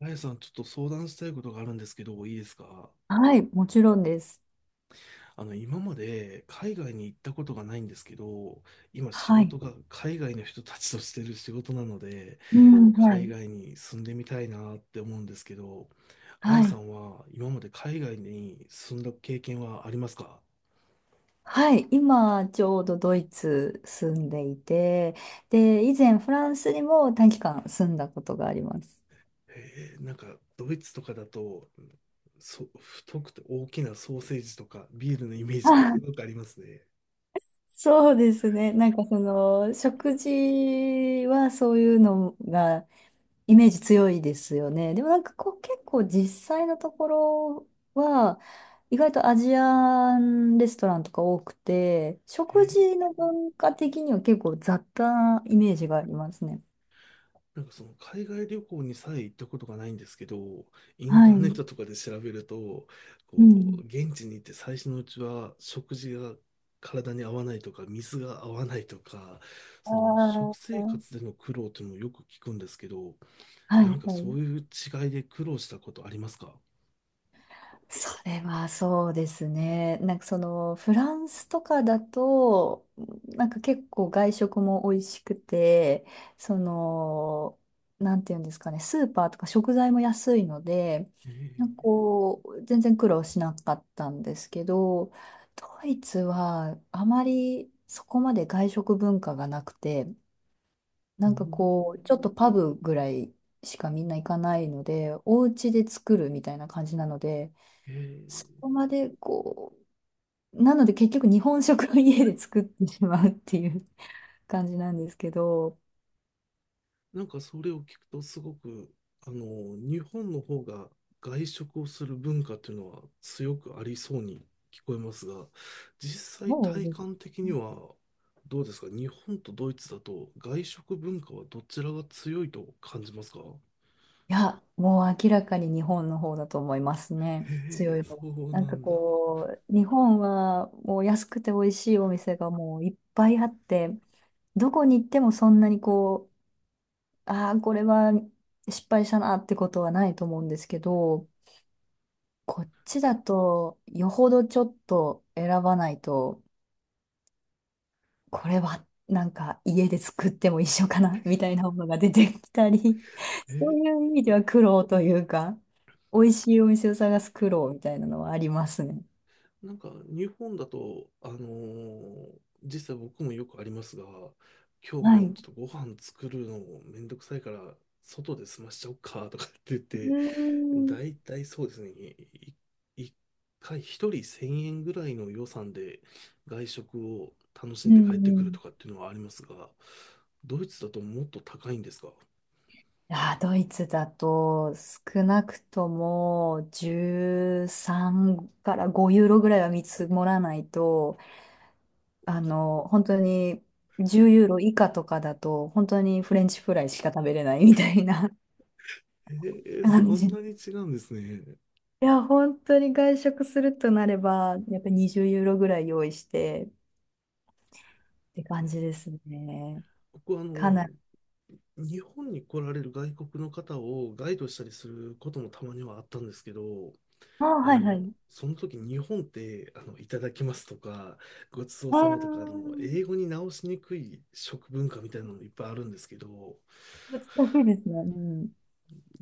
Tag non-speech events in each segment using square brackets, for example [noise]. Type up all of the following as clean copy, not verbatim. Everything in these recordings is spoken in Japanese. あやさん、ちょっと相談したいことがあるんですけど、いいですか？はい、もちろんです。今まで海外に行ったことがないんですけど、今仕は事い。が海外の人たちとしてる仕事なので、うん、は海い。外に住んでみたいなって思うんですけど、あはやさい。んは今まで海外に住んだ経験はありますか？はい。今、ちょうどドイツ住んでいて、で、以前フランスにも短期間住んだことがあります。なんかドイツとかだと、太くて大きなソーセージとかビールのイメージがあ、すごくありますね。そうですね。なんかその、食事はそういうのが、イメージ強いですよね。でもなんかこう結構実際のところは意外とアジアンレストランとか多くて、え食ー事の文化的には結構雑多なイメージがありますね。なんかその海外旅行にさえ行ったことがないんですけど、インはターネッい。トとかで調べると、うこん。現地に行って最初のうちは食事が体に合わないとか、水が合わないとか、あその食あ。生活での苦労っていうのをよく聞くんですけど、はいは何かそい。ういう違いで苦労したことありますか？それはそうですね。なんかそのフランスとかだと、なんか結構外食も美味しくて、その、なんていうんですかね、スーパーとか食材も安いので、えー。なんかこう、全然苦労しなかったんですけど、ドイツはあまりそこまで外食文化がなくて、うなーんかこう、ちょっん。とパブぐらいしかみんな行かないので、お家で作るみたいな感じなので、そえ。こまでこう、なので結局日本食を家で作ってしまうっていう感じなんですけど、なんかそれを聞くとすごく、あの、日本の方が外食をする文化っていうのは強くありそうに聞こえますが、実際もう体ね、感的にはどうですか？日本とドイツだと外食文化はどちらが強いと感じますか？いや、もう明らかに日本の方だと思いますね。へ強え、い方。そうなんなかんだ。こう、日本はもう安くて美味しいお店がもういっぱいあって、どこに行ってもそんなにこう、ああ、これは失敗したなってことはないと思うんですけど、こっちだとよほどちょっと選ばないと、これはなんか家で作っても一緒かなみたいなものが出てきたり、[laughs] そういえ。う意味では苦労というか、美味しいお店を探す苦労みたいなのはありますね。なんか日本だと、実際僕もよくありますが、今日はい。もうちょっとご飯作るのめんどくさいから、外で済ましちゃおうかとかって言っーて、だいん。たいそうですね、一回一人1000円ぐらいの予算で外食を楽しうんでん帰ってうくるん。とかっていうのはありますが、ドイツだともっと高いんですか？あー、ドイツだと少なくとも13から5ユーロぐらいは見積もらないと、あの、本当に10ユーロ以下とかだと、本当にフレンチフライしか食べれないみたいなえー、感そんじ。なに違うんですね。いや、本当に外食するとなれば、やっぱり20ユーロぐらい用意してって感じえ。ですね。僕はかなり。日本に来られる外国の方をガイドしたりすることもたまにはあったんですけど、ああ、はいはい。その時日本っていただきますとか、ごちそうあさまとか、あ、英語に直しにくい食文化みたいなのもいっぱいあるんですけど、難しいですね。うん。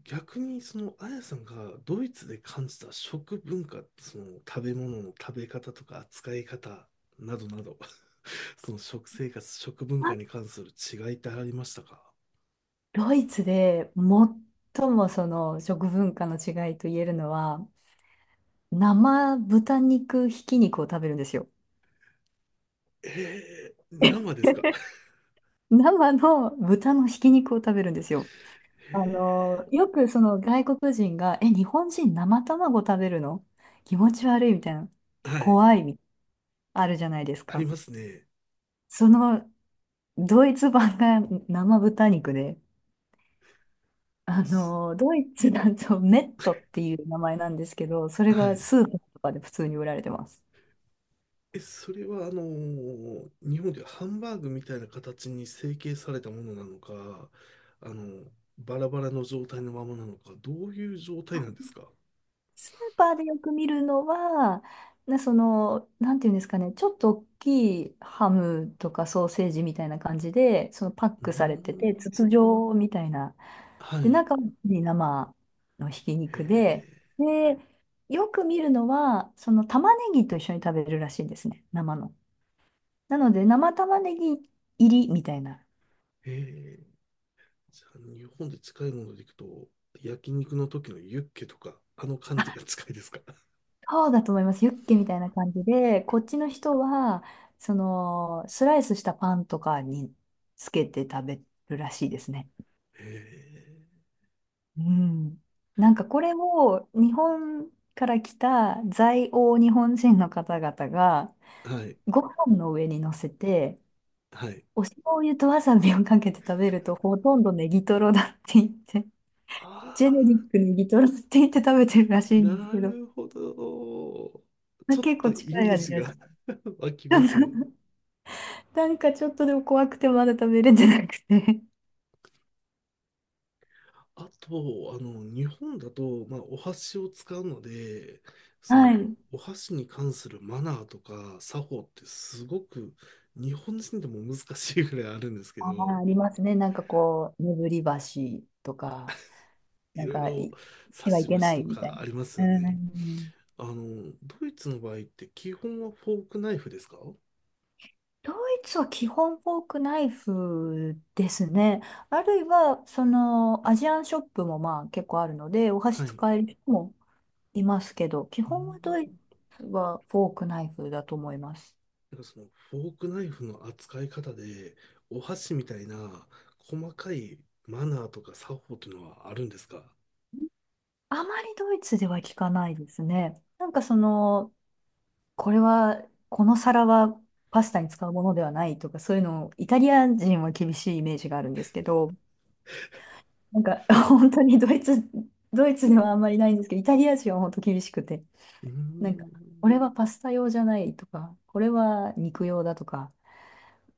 逆にあやさんがドイツで感じた食文化、その食べ物の食べ方とか扱い方などなど、[laughs] その食生活、食文あ、化に関する違いってありましたか？ドイツで最もその食文化の違いと言えるのは、生豚肉ひき肉を食べるんですよ。えー、生ですか？ [laughs] 生の豚のひき肉を食べるんですよ。あの、よくその外国人が、え、日本人生卵食べるの気持ち悪いみたいな、はい。怖いみたいな、あるじゃないですありか。ますね。そのドイツ版が [laughs] 生豚肉で、あすの、ドイツだとメットっていう名前なんですけど、それはがい。スーパーとかで普通に売られてます。え、それは、日本ではハンバーグみたいな形に成形されたものなのか、あの、バラバラの状態のままなのか、どういう状態なんですか？ーパーでよく見るのは、その、なんていうんですかね、ちょっと大きいハムとかソーセージみたいな感じで、そのパッうークされてて、筒ん。状みたいな。はで、い。中に生のひきへ肉で、で、よく見るのは、その玉ねぎと一緒に食べるらしいんですね、生の。なので、生玉ねぎ入りみたいな。え。へえ。じゃあ、日本で近いものでいくと、焼肉の時のユッケとか、あの感じが近いですか？そうだと思います。ユッケみたいな感じで、こっちの人は、その、スライスしたパンとかにつけて食べるらしいですね。へうん。なんかこれを日本から来た在欧日本人の方々がえ。はい。ご飯の上に乗せて、はい。お醤油とわさびをかけて食べるとほとんどネギトロだって言って、あジェネあ。リックネギトロって言って食べてるらしいなんですけど、るほど。まちあょっ結と構イメ近いー味ジだしが [laughs] 湧きますね。なんかちょっとでも怖くてまだ食べれてなくて。あと、日本だと、まあ、お箸を使うので、その、はい。お箸に関するマナーとか作法ってすごく日本人でも難しいぐらいあるんですけあー、ど、ありますね。なんかこう、眠り橋とか、いなんろいかろい、し差てはしいけ箸ないとみたいかありますな。ようね。ん。ドイツの場合って基本はフォークナイフですか？ドイツは基本フォークナイフですね。あるいは、その、アジアンショップもまあ結構あるので、お箸はい。使える人もいますけど、基う本はドイん。ツはフォークナイフだと思います。なんかそのフォークナイフの扱い方で、お箸みたいな細かいマナーとか作法というのはあるんですか？あまりドイツでは聞かないですね。なんかその、これは、この皿はパスタに使うものではないとか、そういうのを、イタリア人は厳しいイメージがあるんですけど、なんか [laughs] 本当にドイツではあんまりないんですけど、イタリア人は本当厳しくて、うーなんか、こん。れはパスタ用じゃないとか、これは肉用だとか、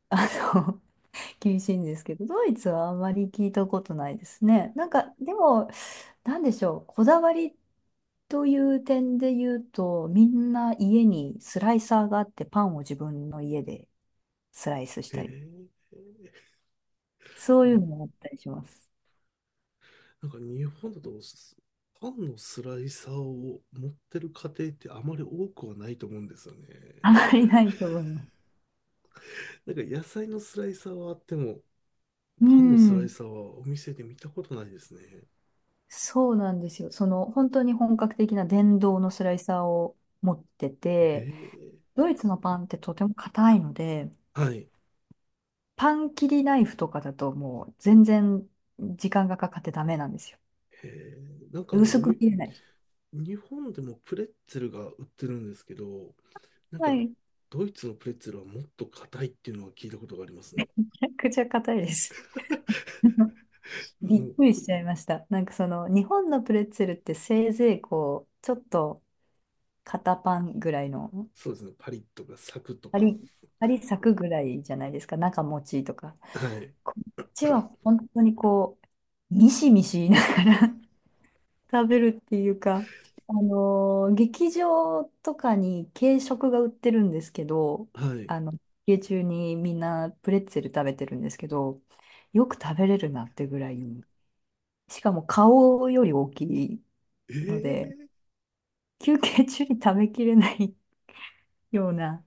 あの、[laughs] 厳しいんですけど、ドイツはあんまり聞いたことないですね。なんか、でも、なんでしょう、こだわりという点で言うと、みんな家にスライサーがあって、パンを自分の家でスライスしへたり。え。そういうのもあったりします。なんか日本だとパンのスライサーを持ってる家庭ってあまり多くはないと思うんですよね。あまりないと思います。なんか野菜のスライサーはあっても、うパンのスライん。サーはお店で見たことないですね。そうなんですよ。その、本当に本格的な電動のスライサーを持ってへて、え。ドイツのパンってとても硬いので、はい。へパン切りナイフとかだともう全然時間がかかってダメなんですよ。え。なんか薄く切れないし。日本でもプレッツェルが売ってるんですけど、なんはか、い。めドイツのプレッツェルはもっと硬いっていうのは聞いたことがありますね。ちゃくちゃ硬いです。[laughs] うびっん。くりしちゃいました。なんかその日本のプレッツェルってせいぜいこうちょっと肩パンぐらいのそうですね、パリッとかサクとか。針、針咲くぐらいじゃないですか、中持ちとか。はい。こっちは本当にこう、ミシミシ言いながら [laughs] 食べるっていうか、あのー劇場とかに軽食が売ってるんですけど、はい。あの、休憩中にみんなプレッツェル食べてるんですけど、よく食べれるなってぐらい、しかも顔より大きいので、ええ。休憩中に食べきれないような、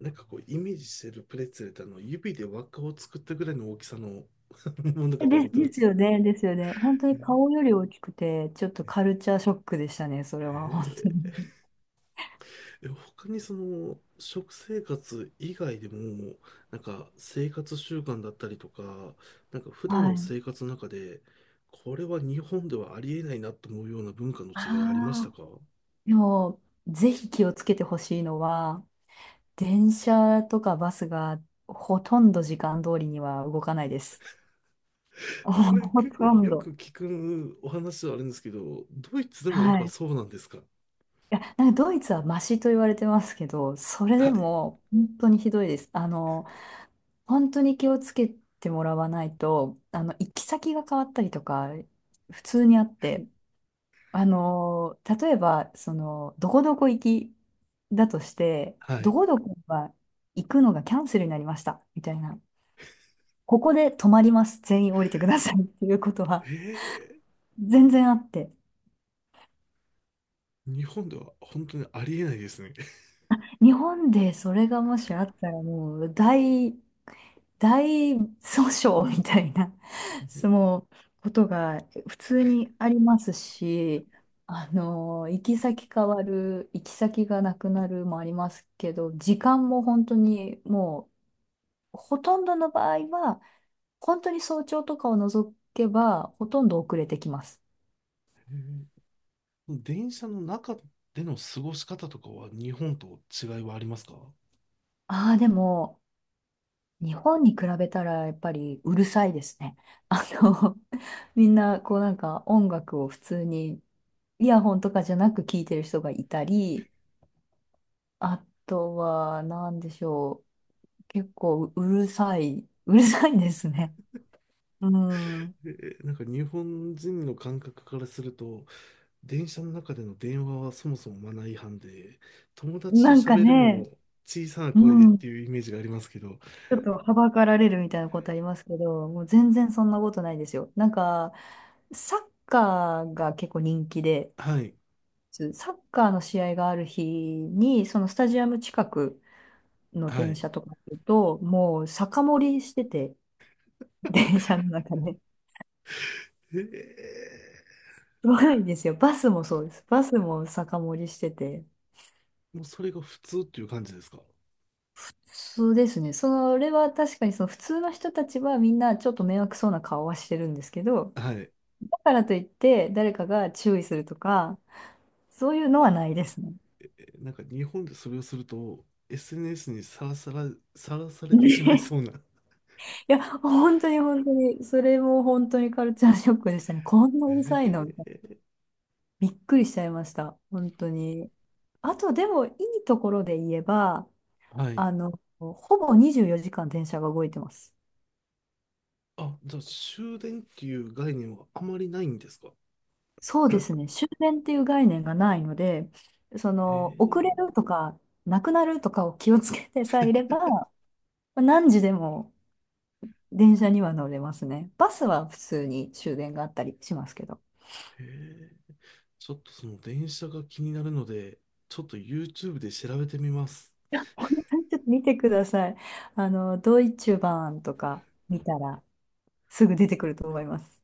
なんかこう、イメージしてるプレッツェルって指で輪っかを作ったぐらいの大きさの [laughs] ものかと思で、ってまですす。よね、ですよね。本当に顔より大きくて、ちょっとカルチャーショックでしたね、それは、本当えー。に。え、他にその、食生活以外でも、なんか生活習慣だったりとか、なんか [laughs] 普段はのい。生活の中で、これは日本ではありえないなと思うような文化の違いありましあたあ、か？ でも、ぜひ気をつけてほしいのは、電車とかバスがほとんど時間通りには動かないです。[laughs] [laughs] ほそれほ結構とんよど。く聞くお話ではあるんですけど、ドイツ [laughs] でもやっはぱい。いそうなんですか？ や、なんかドイツはマシと言われてますけど、それ [laughs] はでい。も本当にひどいです。あの、本当に気をつけてもらわないと、あの、行き先が変わったりとか、普通にあって、あのー、例えば、その、どこどこ行きだとして、はどい。こどこは行くのがキャンセルになりました、みたいな。ここで止まります。全員降りてくださいっていうことはえ全然あって。ー、日本では本当にありえないですね。[laughs] 日本でそれがもしあったらもう大訴訟みたいな、そえのことが普通にありますし、あの、行き先変わる、行き先がなくなるもありますけど、時間も本当にもう、ほとんどの場合は、本当に早朝とかを除けば、ほとんど遅れてきます。ー。電車の中での過ごし方とかは日本と違いはありますか？ああ、でも、日本に比べたらやっぱりうるさいですね。[laughs] あの、[laughs] みんなこうなんか音楽を普通にイヤホンとかじゃなく聞いてる人がいたり、あとは何でしょう、結構うるさい、[laughs] うるさいですね。うん。で、なんか日本人の感覚からすると、電車の中での電話はそもそもマナー違反で、友達となんか喋るにね、も小さなう声でっん、ちていうイメージがありますけど、ょっとはばかられるみたいなことありますけど、もう全然そんなことないですよ。なんか、サッカーが結構人気で、はい、サッカーの試合がある日に、そのスタジアム近くのは電い。車とか乗ると、もう酒盛りしてて、[laughs] 電車の中で。えー。すごいですよ。バスもそうです。バスも酒盛りしてて。もうそれが普通っていう感じですか？そうですね。それは確かにその普通の人たちはみんなちょっと迷惑そうな顔はしてるんですけど、はい。え。だからといって誰かが注意するとか、そういうのはないですね。なんか日本でそれをすると、SNS にさらさ [laughs] れてね。しまいそうな。いや、本当に本当に、それも本当にカルチャーショックでしたね。こんなうるえさいの。ー。びっくりしちゃいました。本当に。あと、でも、いいところで言えば、はい。あの、ほぼ24時間電車が動いてます。あ、じゃあ終電っていう概念はあまりないんですか？そうですね。終電っていう概念がないので、そへの、遅れえ、るとか、なくなるとかを気をつけてさえいれば、まあ何時でも電車には乗れますね。バスは普通に終電があったりしますけど。へえ。ちょっとその電車が気になるので、ちょっと YouTube で調べてみます。ちょっと見てください。あの、ドイツ版とか見たら、すぐ出てくると思います。